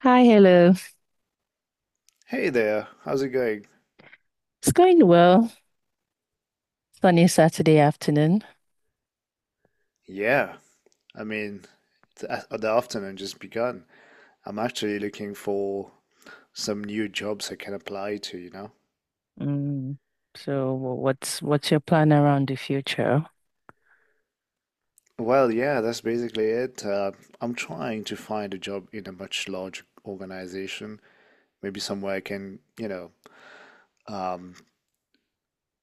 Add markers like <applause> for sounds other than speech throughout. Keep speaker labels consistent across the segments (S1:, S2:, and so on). S1: Hi, hello.
S2: Hey there, how's it going?
S1: It's going well. Sunny Saturday afternoon.
S2: Yeah, I mean, the afternoon just begun. I'm actually looking for some new jobs I can apply to, you know?
S1: Mm. So what's your plan around the future?
S2: Well, yeah, that's basically it. I'm trying to find a job in a much larger organization, maybe somewhere I can, you know, um,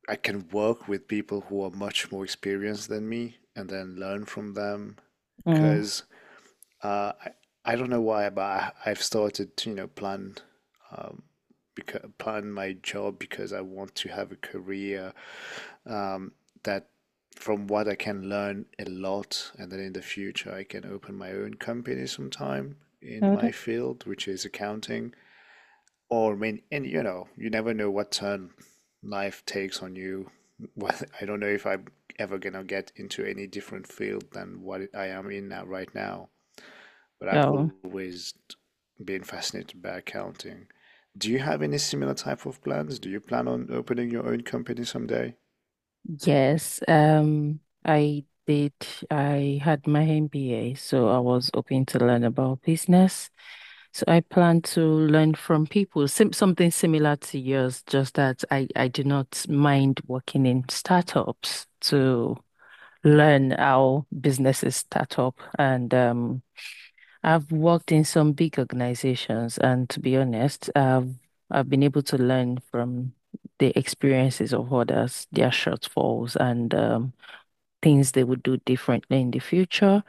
S2: I can work with people who are much more experienced than me and then learn from them.
S1: Mm,
S2: Because Uh, I, I don't know why, but I've started to, you know, plan, um, because, plan my job because I want to have a career that from what I can learn a lot, and then in the future I can open my own company sometime
S1: how
S2: in my
S1: would
S2: field, which is accounting. Or I mean, and you know, you never know what turn life takes on you. <laughs> Well, I don't know if I'm ever gonna get into any different field than what I am in now right now, but I've
S1: Oh,
S2: always been fascinated by accounting. Do you have any similar type of plans? Do you plan on opening your own company someday?
S1: yes. I did. I had my MBA, so I was open to learn about business. So I plan to learn from people, sim something similar to yours, just that I do not mind working in startups to learn how businesses start up. And I've worked in some big organizations, and to be honest, I've been able to learn from the experiences of others, their shortfalls, and things they would do differently in the future.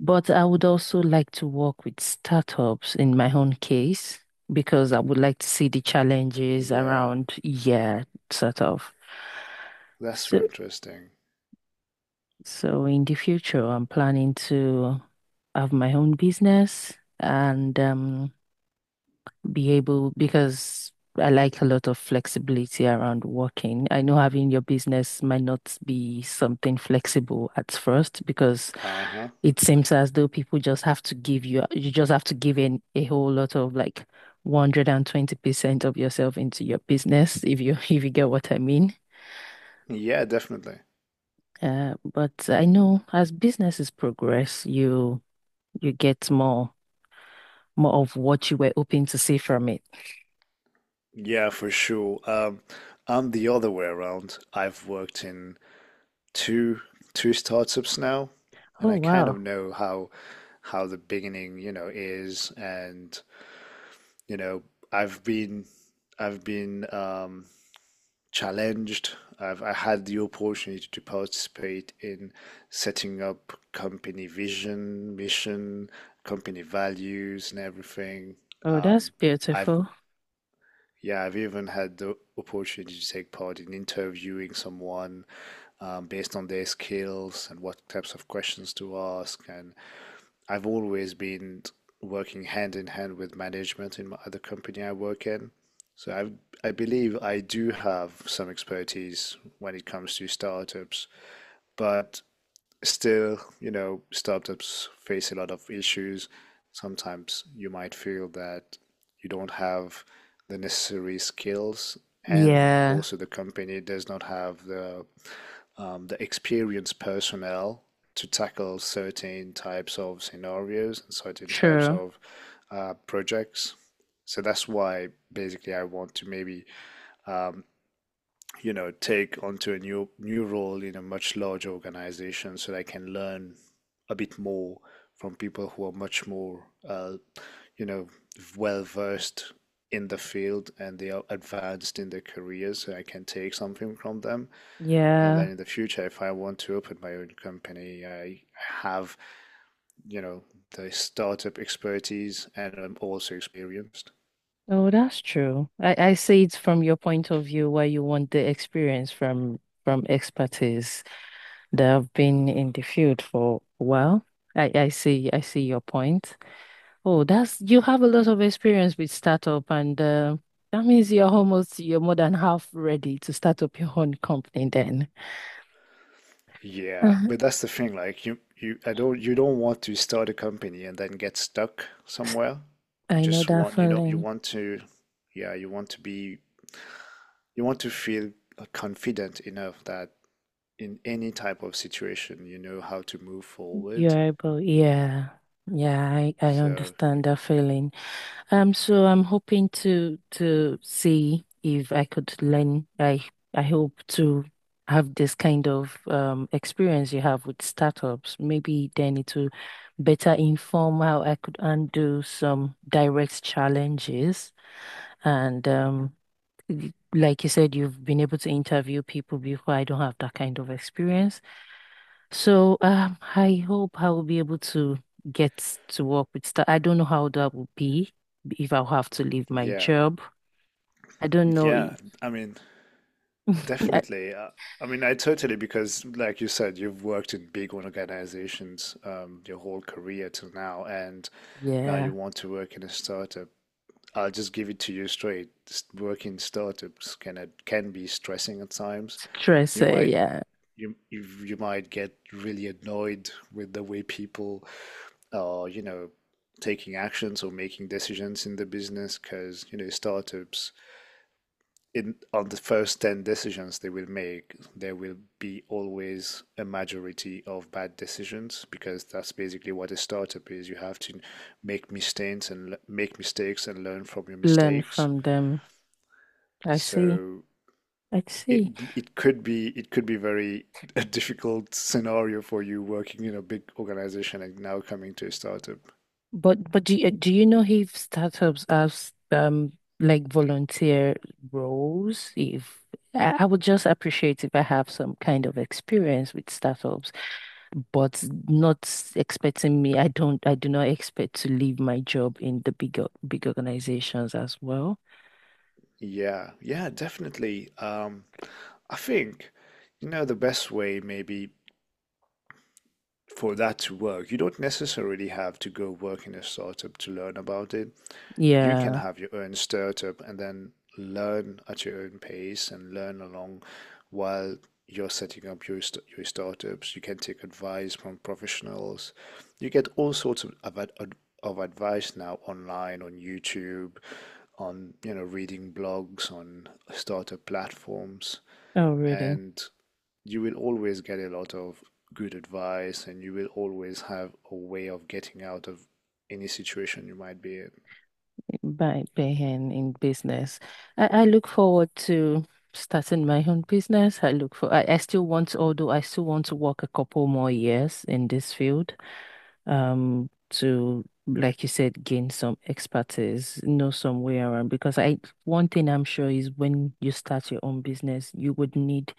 S1: But I would also like to work with startups in my own case because I would like to see the challenges
S2: Yeah,
S1: around, yeah, sort of.
S2: that's
S1: So,
S2: very interesting.
S1: so, in the future, I'm planning to have my own business and be able because I like a lot of flexibility around working. I know having your business might not be something flexible at first because
S2: Uh-huh.
S1: it seems as though people just have to give you, you just have to give in a whole lot of like 120% of yourself into your business, if you <laughs> if you get what I mean.
S2: Yeah, definitely.
S1: But I know as businesses progress, you get more of what you were hoping to see from it.
S2: Yeah, for sure. I'm the other way around. I've worked in two two startups now, and
S1: Oh
S2: I kind
S1: wow.
S2: of know how the beginning, you know, is and you know, I've been I've been challenged. I had the opportunity to participate in setting up company vision, mission, company values, and everything.
S1: Oh, that's
S2: Um, I've
S1: beautiful.
S2: yeah, I've even had the opportunity to take part in interviewing someone, based on their skills and what types of questions to ask, and I've always been working hand in hand with management in my, other company I work in. So I believe I do have some expertise when it comes to startups, but still, you know, startups face a lot of issues. Sometimes you might feel that you don't have the necessary skills, and
S1: Yeah,
S2: also the company does not have the experienced personnel to tackle certain types of scenarios and certain types
S1: true.
S2: of projects. So that's why basically I want to maybe, um, you know, take onto a new role in a much larger organization so that I can learn a bit more from people who are much more, you know, well versed in the field, and they are advanced in their careers so I can take something from them. And
S1: Yeah.
S2: then in the future, if I want to open my own company, I have, you know, the startup expertise, and I'm also experienced.
S1: Oh, that's true. I see it from your point of view where you want the experience from expertise. They have been in the field for a while. I see your point. Oh, that's you have a lot of experience with startup, and that means you're more than half ready to start up your own company then. <laughs>
S2: Yeah,
S1: uh
S2: but that's the thing. Like I don't, you don't want to start a company and then get stuck somewhere. You
S1: I know
S2: just
S1: that
S2: want, you know, you
S1: feeling.
S2: want to, yeah, you want to be, you want to feel confident enough that in any type of situation, you know how to move forward.
S1: You're able, yeah, yeah, I
S2: So y-
S1: understand that feeling. So I'm hoping to see if I could learn. I hope to have this kind of experience you have with startups. Maybe then it will better inform how I could undo some direct challenges. And like you said, you've been able to interview people before. I don't have that kind of experience. I hope I will be able to get to work with that. I don't know how that will be if I'll have to leave my
S2: yeah,
S1: job. I don't know.
S2: yeah. I mean,
S1: <laughs> I-
S2: definitely. I mean, I totally because, like you said, you've worked in big organizations, your whole career till now, and now
S1: Yeah,
S2: you want to work in a startup. I'll just give it to you straight. Working startups can be stressing at times.
S1: stress.
S2: You might
S1: Yeah,
S2: you might get really annoyed with the way people are, you know, taking actions or making decisions in the business because, you know, startups in on the first 10 decisions they will make, there will be always a majority of bad decisions because that's basically what a startup is. You have to make mistakes and learn from your
S1: learn
S2: mistakes.
S1: from them. I see.
S2: So
S1: I
S2: it
S1: see.
S2: it could be very <laughs> a difficult scenario for you working in a big organization and now coming to a startup.
S1: But do you know if startups have like volunteer roles? If I would just appreciate if I have some kind of experience with startups, but not expecting me. I do not expect to leave my job in the bigger, big organizations as well.
S2: Yeah, yeah, definitely. I think, you know, the best way maybe for that to work, you don't necessarily have to go work in a startup to learn about it. You can
S1: Yeah.
S2: have your own startup and then learn at your own pace and learn along while you're setting up your startups. You can take advice from professionals. You get all sorts of advice now online on YouTube, on you know reading blogs on startup platforms,
S1: Oh, really?
S2: and you will always get a lot of good advice, and you will always have a way of getting out of any situation you might be in.
S1: By being in business. I look forward to starting my own business. I still want, although I still want to work a couple more years in this field, um, to, like you said, gain some expertise, know some way around. One thing I'm sure is when you start your own business,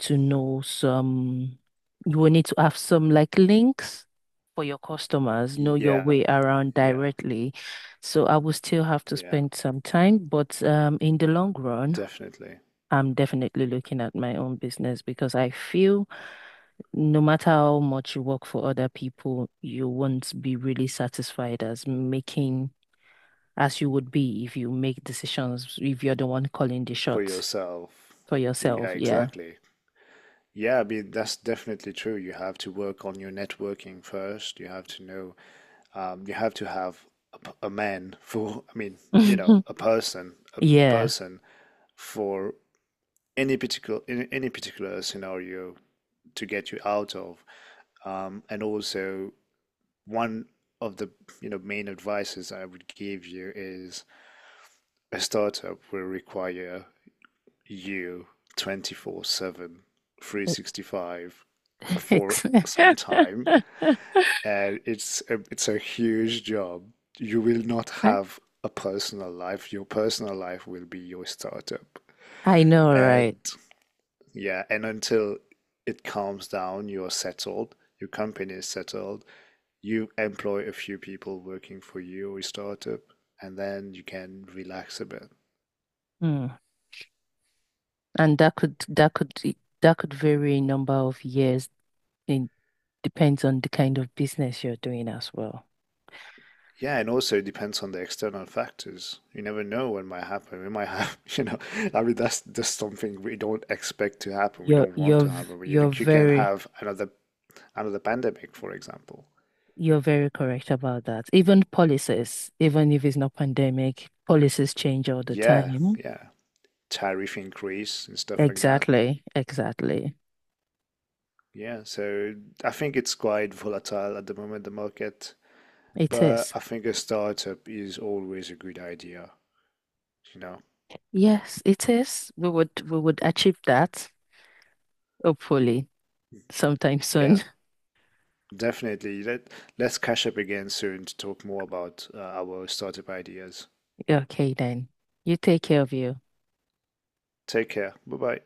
S1: to know some, you will need to have some like links for your customers, know your
S2: Yeah,
S1: way around
S2: yeah,
S1: directly. So I will still have to
S2: yeah,
S1: spend some time, but in the long run,
S2: definitely.
S1: I'm definitely looking at my own business because I feel no matter how much you work for other people, you won't be really satisfied as you would be if you make decisions, if you're the one calling the
S2: For
S1: shots
S2: yourself.
S1: for
S2: Yeah,
S1: yourself. Yeah.
S2: exactly. Yeah, I mean, that's definitely true. You have to work on your networking first. You have to know, you have to have a man for, I mean, you know,
S1: <laughs>
S2: a
S1: Yeah.
S2: person for any particular in any particular scenario to get you out of. And also, one of the you know main advices I would give you is a startup will require you 24/7, 365
S1: <laughs>
S2: for
S1: Ex-
S2: some time, and it's it's a huge job. You will not
S1: <laughs> I,
S2: have a personal life. Your personal life will be your startup.
S1: I know, right?
S2: And yeah, and until it calms down, you're settled, your company is settled, you employ a few people working for you or your startup, and then you can relax a bit.
S1: Mm. And that could vary in number of years. It depends on the kind of business you're doing as well.
S2: Yeah, and also it depends on the external factors. You never know what might happen. We might <laughs> have, you know, I mean, that's just something we don't expect to happen. We
S1: You're
S2: don't want
S1: you're
S2: to
S1: v-
S2: happen. We, you
S1: you're
S2: can
S1: very
S2: have another pandemic, for example.
S1: you're very correct about that. Even policies, even if it's not pandemic, policies change all the
S2: Yeah,
S1: time.
S2: yeah. Tariff increase and stuff like that.
S1: Exactly, exactly.
S2: Yeah, so I think it's quite volatile at the moment, the market,
S1: It
S2: but
S1: is.
S2: I think a startup is always a good idea. You know,
S1: Yes, it is. We would achieve that, hopefully, sometime soon.
S2: yeah,
S1: <laughs>
S2: definitely. Let's catch up again soon to talk more about our startup ideas.
S1: Okay then. You take care of you.
S2: Take care. Bye bye.